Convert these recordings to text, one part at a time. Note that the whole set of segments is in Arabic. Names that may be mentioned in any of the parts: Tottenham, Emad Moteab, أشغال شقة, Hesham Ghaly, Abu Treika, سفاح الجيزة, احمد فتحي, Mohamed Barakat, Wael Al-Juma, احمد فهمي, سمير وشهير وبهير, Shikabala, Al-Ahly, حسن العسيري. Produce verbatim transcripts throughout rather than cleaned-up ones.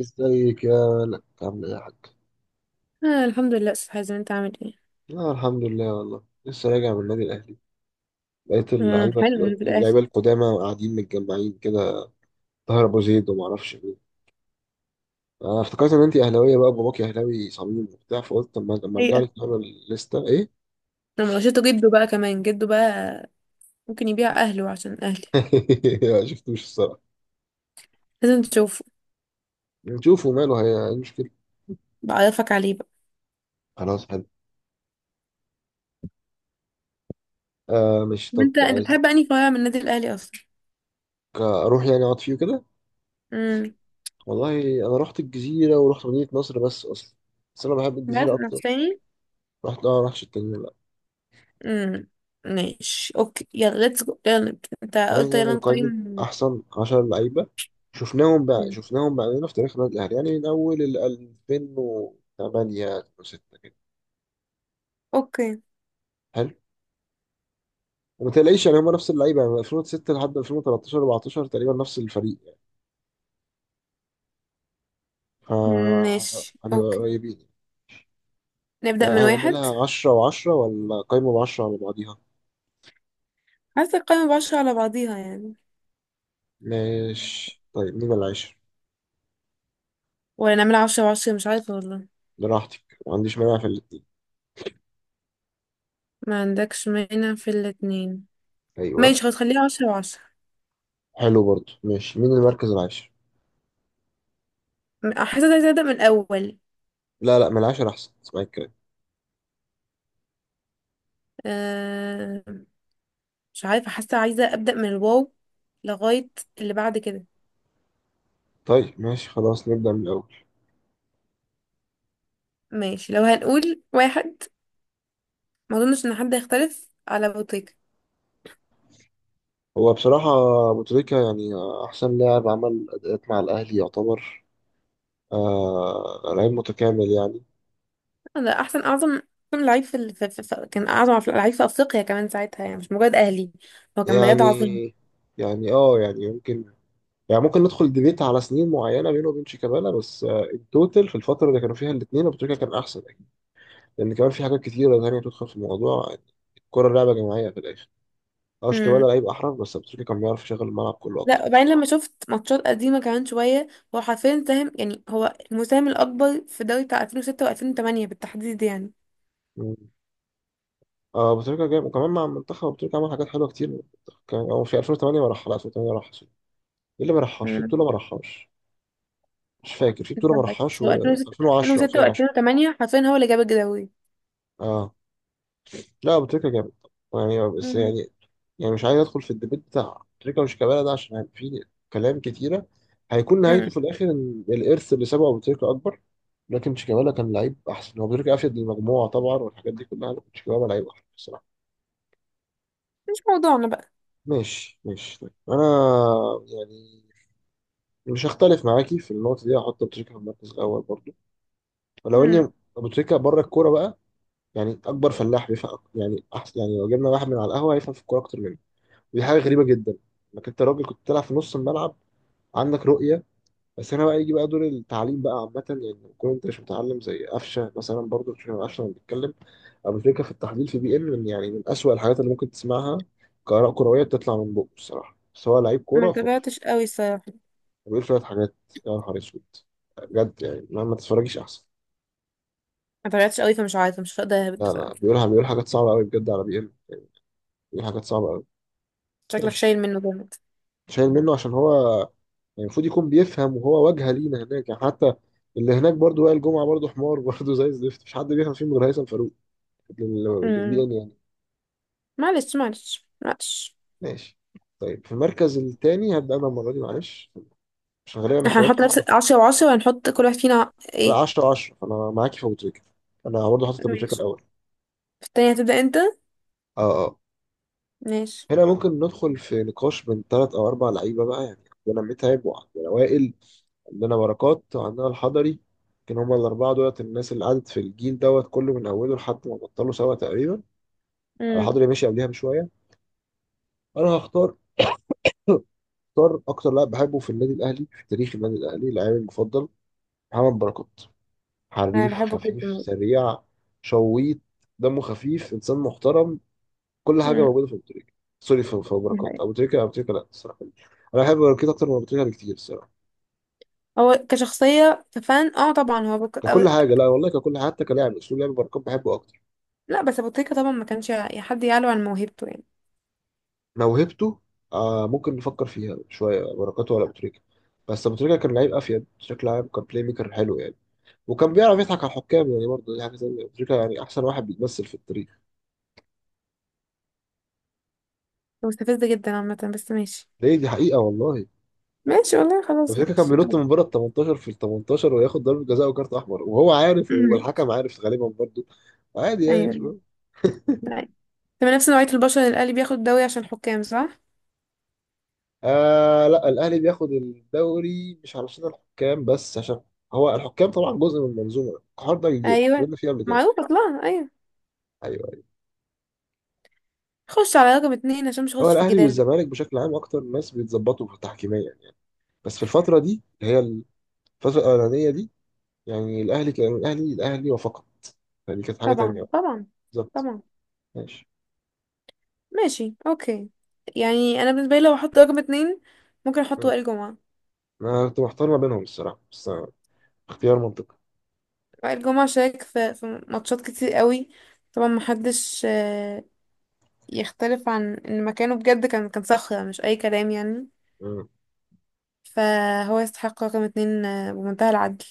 ازيك يا ملك، عامل ايه يا حاج؟ آه، الحمد لله أستاذ حازم، أنت عامل إيه؟ آه الحمد لله، والله لسه راجع من النادي الاهلي. لقيت آه اللعيبه، حلو إنه بالأهلي. اللعيبه القدامى قاعدين متجمعين كده. طاهر ابو زيد وما اعرفش مين. انا افتكرت ان انت اهلاويه بقى، باباكي اهلاوي صميم وبتاع، فقلت طب ما لما ارجع حقيقة لك نقرا الليسته ايه؟ لما لقيته جده بقى كمان جده بقى ممكن يبيع أهله عشان أهلي. ما شفتوش الصراحه. لازم تشوفه. نشوفه، ماله؟ هي إيه المشكله؟ بعرفك عليه بقى. خلاص حلو. آه مش طب طب أنت أنت عايزك بتحب أنهي فرع من النادي الأهلي أصلا؟ اروح يعني اقعد فيه كده. امم. والله انا رحت الجزيره ورحت مدينه نصر بس اصلا. بس انا بحب بس الجزيره نفس اكتر. تاني؟ رحت، اه رحت التانيين. امم. ماشي أوكي، يلا ليتس جو، يلا نبدأ. أنت تعالى قلت يلا نعمل قائمة، نقيم. أحسن عشر لعيبة شفناهم بقى، مم. شفناهم بقى في تاريخ النادي الأهلي، يعني من أول ال ألفين وتمانية، ألفين وستة كده. أوكي. حلو. وما تلاقيش يعني، هما نفس اللعيبة يعني من ألفين وستة لحد ألفين وتلتاشر اربعتاشر تقريبا، نفس الفريق يعني. ف ماشي هنبقى أوكي. قريبين يعني. نبدأ من واحد. هنعملها عشرة و10، ولا قايمة ب عشرة على بعضيها؟ عايزة القايمة بعشرة على بعضيها يعني. ماشي طيب، مين العاشر؟ ولا نعملها عشرة بعشرة، مش عارفة والله. براحتك، ما عنديش مانع في الاتنين. ما عندكش مانع في الاتنين. ماشي أيوه. خلاص، خليها عشرة وعشرة. حلو برضو، ماشي مين المركز العاشر؟ م- حاسة عايزة أبدأ من الأول. لا لا، من العاشر أحسن، اسمعي الكلام. أه. مش عارفة، حاسة عايزة أبدأ من الواو لغاية اللي بعد كده. طيب ماشي خلاص، نبدأ من الأول. ماشي، لو هنقول واحد ما أظنش إن حد هيختلف على بوتيكا. هو بصراحة أبو تريكة يعني، أحسن لاعب عمل أداءات مع الأهلي يعتبر. آه لعيب متكامل يعني. ده أحسن، أعظم أحسن لعيب في, ال... في... في... في... كان أعظم لعيب في أفريقيا كمان ساعتها، يعني مش مجرد أهلي. هو كان بجد يعني عظيم. يعني اه يعني يمكن، يعني ممكن ندخل ديبيت على سنين معينة بينه وبين شيكابالا، بس آه التوتال في الفترة اللي كانوا فيها الاتنين أبو تريكة كان أحسن أكيد. لأن كمان في حاجات كتيرة تانية تدخل في الموضوع يعني، الكرة لعبة جماعية في الآخر. اه شيكابالا مم. لعيب أحرف، بس أبو تريكة كان بيعرف يشغل الملعب كله لا، أكتر. وبعدين لما شفت ماتشات قديمة كمان شوية، هو حرفيا ساهم، يعني هو المساهم الأكبر في دوري بتاع ألفين وستة و2008 بالتحديد. اه، ابو تريكه جايب، وكمان مع المنتخب ابو تريكه عمل حاجات حلوه كتير. كان هو في ألفين وتمانية، ما راح على ألفين وتمانية، راح ايه اللي ما راحش في يعني بطوله ما راحش؟ مش فاكر في بطوله ما راحش. هو و ألفين وعشرة، ألفين وستة ألفين وعشرة. و2008 حرفيا هو اللي جاب الجداوي. اه، لا ابو تريكه جامد يعني. بس امم. يعني، يعني مش عايز ادخل في الديبيت بتاع تريكه وش كابالا ده، عشان يعني في كلام كتيره، هيكون نهايته امم. في الاخر ان الارث اللي سابه ابو تريكه اكبر. لكن شيكابالا كان لعيب احسن. هو ابو تريكه افيد للمجموعه طبعا والحاجات دي كلها، لكن شيكابالا لعيب احسن بصراحه. مش موضوعنا بقى. ماشي ماشي طيب. انا يعني مش هختلف معاكي في النقطة دي، هحط أبو تريكة في المركز الأول برضو. ولو إني امم. أبو تريكة بره الكورة بقى، يعني أكبر فلاح بيفهم يعني أحسن، يعني لو جبنا واحد من على القهوة هيفهم في الكورة أكتر مني. ودي حاجة غريبة جدا، إنك أنت راجل كنت بتلعب في نص الملعب، عندك رؤية. بس هنا بقى يجي بقى دور التعليم بقى عامة، يعني لما تكون أنت مش متعلم زي قفشة مثلا. برضو مش قفشة، لما بيتكلم أبو تريكة في التحليل في بي إم، من يعني من أسوأ الحاجات اللي ممكن تسمعها كآراء كروية بتطلع من بقه الصراحة، بس هو لعيب ما كورة خرافي. تابعتش قوي الصراحه. بيقول شوية حاجات، يا نهار أسود بجد. يعني ما, ما تتفرجيش أحسن. ما تابعتش قوي، فمش عارفه مش هقدر اهبط لا بصراحه. لا بيقولها، بيقول حاجات صعبة أوي بجد على بي إم، بيقول حاجات صعبة أوي. شكلك ماشي. شايل منه جامد. شايل منه عشان هو يعني المفروض يكون بيفهم، وهو واجهة لينا هناك يعني. حتى اللي هناك برضه وائل الجمعة برضه حمار برضه زي الزفت. مش حد بيفهم فيهم غير هيثم فاروق للبي امم. إن يعني. معلش معلش معلش. ماشي. طيب في المركز التاني هبدأ أنا المرة دي معلش، عشان غالبا احنا احتمال هنحط كبير نفس ما- عشرة و10، وهنحط كل واحد فينا لا ايه؟ عشرة عشرة، فأنا معاكي في أبو تريكة. أنا برضه حاطط أبو تريكة ماشي. الأول. في التانية هتبدأ انت. اه اه. ماشي. هنا ممكن ندخل في نقاش من ثلاث او اربع لعيبه بقى يعني. عندنا متعب وعندنا وائل، عندنا بركات وعندنا الحضري. كان هما الاربعه دولت الناس اللي قعدت في الجيل دوت كله من اوله لحد ما بطلوا سوا تقريبا. امم الحضري ماشي قبلها بشويه. انا هختار، هختار اكتر لاعب بحبه في النادي الاهلي في تاريخ النادي الاهلي، لاعبي المفضل، محمد بركات. انا حريف، بحبه خفيف، جدا. سريع، شويط، دمه خفيف، انسان محترم. كل حاجه امم. موجوده في ابو تريكه. سوري، في في ابو بركات ابو تريكه ابو تريكه لا الصراحه، انا بحب بركات اكتر من ابو تريكه بكتير الصراحه. هو كشخصية كفان، اه طبعا هو بك... ككل أو... حاجه، لا والله ككل حاجة، حتى كلاعب اسلوب لعب بركات بحبه اكتر. لا، بس ابو تريكة طبعا ما كانش ي- حد يعلو عن موهبته يعني. موهبته، آه ممكن نفكر فيها شويه، بركات ولا ابو تريكه. بس ابو تريكه كان لعيب افيد بشكل عام، كان بلاي ميكر حلو يعني. وكان بيعرف يضحك على الحكام يعني. برضه دي حاجه زي ابو تريكه يعني احسن واحد بيتمثل في التاريخ. مستفزة جدا عامة، بس ماشي. ليه؟ دي حقيقه والله. ماشي والله، ابو خلاص تريكه كان ماشي. بينط من بره ال تمنتاشر، في ال تمنتاشر، وياخد ضربه جزاء وكارت احمر، وهو عارف والحكم عارف غالبا برضه. عادي يعني. ايوه. طيب. تمام، نفس نوعية البشر اللي الأهلي بياخد دوري عشان حكام، صح؟ آه لا الاهلي بياخد الدوري مش علشان الحكام بس، عشان هو الحكام طبعا جزء من المنظومه، الحوار ده كبير ايوه، اتكلمنا فيه قبل كده. معروف اصلا، ايوه. ايوه ايوه. خش على رقم اتنين عشان مش هو هخش في الاهلي الجدال ده. والزمالك بشكل عام اكتر ناس بيتظبطوا في تحكيميا يعني. بس في الفتره دي اللي هي الفتره الاولانيه دي، يعني الاهلي كان الاهلي الاهلي وفقط. يعني كانت حاجه تانيه طبعا بقى. طبعا. بالظبط. طبعا. ماشي. ماشي اوكي. يعني انا بالنسبة لي لو احط رقم اتنين ممكن احط مم. وائل جمعة. انا كنت محتار ما بينهم الصراحه، بس آه اختيار منطقي. وائل جمعة شارك في, في ماتشات كتير قوي. طبعا محدش آه، يختلف عن ان مكانه بجد، كان كان صخرة مش اي كلام يعني. مم. فهو يستحق رقم اتنين آه، بمنتهى العدل.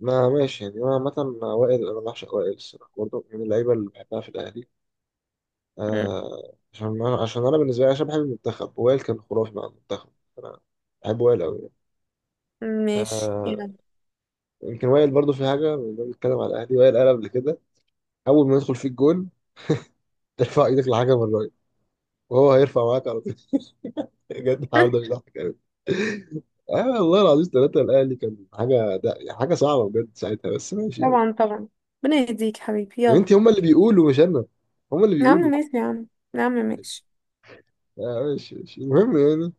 ما ماشي يعني، انا عامه وائل، انا بعشق وائل الصراحه برضه، من اللعيبه اللي بحبها في الاهلي. مم. آه عشان انا، عشان انا بالنسبه لي، عشان بحب المنتخب، وائل كان خرافي مع المنتخب. انا بحب وائل قوي يعني. ماشي آه، يلا. يمكن وائل برضو في حاجه، لما بنتكلم على الاهلي وائل قال قبل كده اول ما يدخل فيك جون ترفع ايدك لحاجه من الراجل وهو هيرفع معاك على طول. بجد النهارده مش ضحك قوي. آه والله العظيم ثلاثة الأهلي كان حاجة، ده حاجة صعبة بجد ساعتها، بس ماشي يعني. طبعا طبعا، ربنا يهديك حبيبي، يعني يلا. أنت هما اللي بيقولوا مش أنا، هما اللي يا عم بيقولوا. ماشي يا عم. يا عم ماشي. آه ماشي ماشي المهم يعني.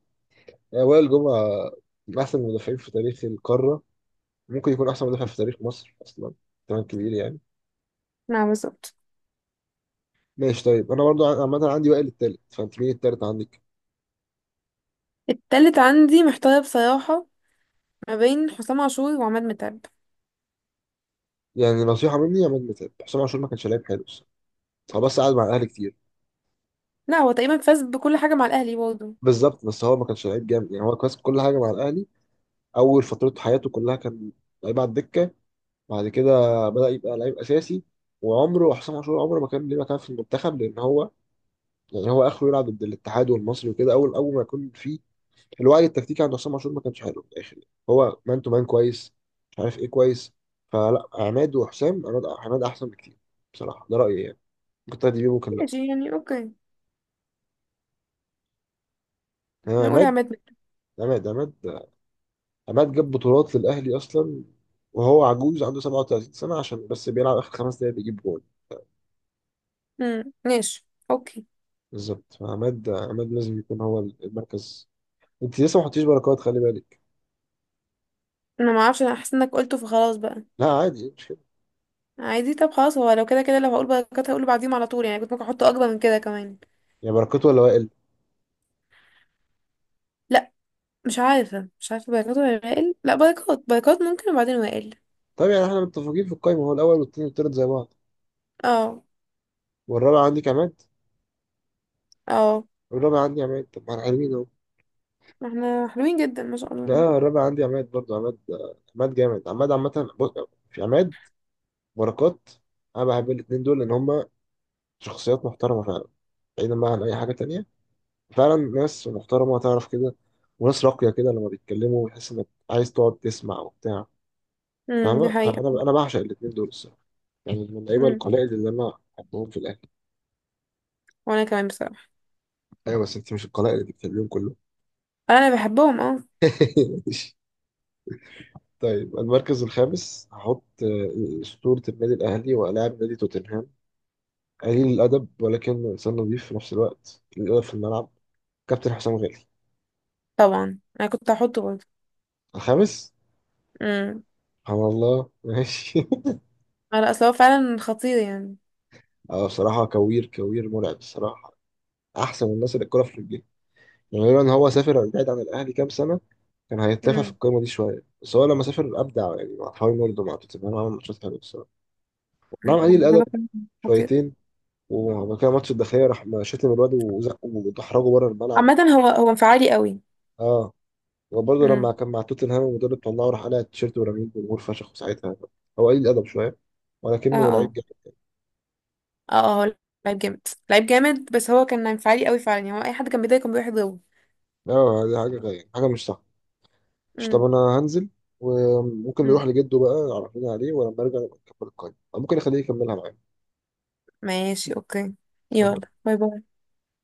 آه، وائل جمعة من أحسن المدافعين في تاريخ القارة، ممكن يكون احسن مدافع في تاريخ مصر اصلا. كمان كبير يعني. نعم بالظبط. ماشي طيب. انا برضو ع- عامه عندي وائل التالت، فانت مين التالت عندك؟ التالت عندي محتار بصراحة، ما بين حسام عاشور وعماد متعب. يعني نصيحه مني، يا عماد متعب. حسام عاشور ما كانش لعيب حلو الصراحة. هو بس قعد مع الاهلي كتير. لا، هو تقريبا فاز بكل حاجة مع الأهلي برضه. بالظبط، بس هو ما كانش لعيب جامد يعني. هو كويس في كل حاجه مع الاهلي. اول فتره حياته كلها كان لعيب على الدكه، بعد كده بدا يبقى لعيب اساسي. وعمره حسام عاشور عمره ما كان ليه مكان في المنتخب، لان هو يعني هو اخره يلعب ضد الاتحاد والمصري وكده. اول اول ما يكون في الوعي التكتيكي عند عصام عاشور ما كانش حلو في الاخر. هو مان تو مان كويس، مش عارف ايه كويس. فلا عماد وحسام، عماد عماد احسن بكتير بصراحه، ده رايي يعني. ممكن تاخد بيه، ممكن لا. ماشي يعني، اوكي. انا نقول عماد. عماد متعب. عماد عماد عماد جاب بطولات للاهلي اصلا، وهو عجوز عنده سبعة وتلاتين سنه، عشان بس بيلعب اخر خمس دقايق بيجيب جول. مم، ماشي اوكي. بالظبط. فعماد، عماد لازم يكون هو المركز. انت لسه ما حطيتش بركات، خلي بالك. انا ما اعرفش، انا حاسة انك قلته فخلاص بقى. لا عادي، مش كده. عادي، طب خلاص، هو لو كده كده لو هقول بركات هقوله بعديهم على طول، يعني كنت ممكن احطه اكبر من كده كمان. يعني بركات ولا وائل؟ لا. مش عارفة مش عارفة بايكوت ولا وائل؟ لا، بايكوت، بايكوت ممكن، وبعدين وائل. طب يعني احنا متفقين في القايمه، هو الاول والثاني والثالث زي بعض. اه والرابع عندك عماد. اه. الرابع عندي عماد، طب ما انا حلوين اهو. احنا حلوين جدا ما شاء الله. لا الرابع عندي عماد برضه. عماد آه، عماد جامد. عماد عامة بص، في عماد، بركات، انا بحب الاتنين دول لان هما شخصيات محترمة فعلا، بعيدا بقى عن اي حاجة تانية. فعلا ناس محترمة، تعرف كده، وناس راقية كده، لما بيتكلموا بتحس انك عايز تقعد تسمع وبتاع. امم دي فاهمة؟ حقيقة. فانا انا بعشق الاتنين دول الصراحة، يعني من اللعيبة امم القلائل اللي انا بحبهم في الاهلي. وانا كمان بصراحة. ايوه بس انت مش القلائل اللي بتحبيهم كلهم. انا بحبهم اه. طيب المركز الخامس هحط آه، أسطورة النادي الأهلي ولاعب نادي توتنهام، قليل الأدب ولكنه إنسان نظيف في نفس الوقت، قليل الأدب في الملعب، كابتن حسام غالي. طبعا انا كنت هحطه برضه. الخامس. امم سبحان الله ماشي. على اصل هو فعلا خطير يعني. آه، بصراحة كوير كوير مرعب الصراحة، أحسن من الناس اللي الكورة في رجليه يعني. لولا إن هو سافر بعيد عن الأهلي كام سنة كان هيتلافى في امم القايمة دي شوية، بس هو لما سافر أبدع يعني، مع حوالي برضه مع توتنهام عمل ماتشات حلوة الصراحة. نعم هو قليل الأدب موهبة فعلاً. خطير. شويتين. وبعد كده ماتش الداخلية راح شتم الواد وزقه ودحرجه بره الملعب. عامة هو هو انفعالي قوي. اه، وبرضه لما امم. كان مع توتنهام المدرب طلعه راح قلع التيشيرت ورميه الجمهور فشخ ساعتها. هو قليل الادب شويه، اه ولكنه لعيب اه. جامد. اه اه، هو لعيب جامد. لعيب جامد. بس هو كان انفعالي قوي فعلا، يعني هو اي حد كان بيضايقه كان بيروح يضربه. اه دي حاجه غير حاجه، مش صح؟ مش طب امم. انا هنزل، وممكن امم نروح لجده بقى عرفنا عليه، ولما ارجع نبقى نكمل القايمه، أو ممكن اخليه يكملها معايا. ماشي اوكي، يلا. يلا باي باي.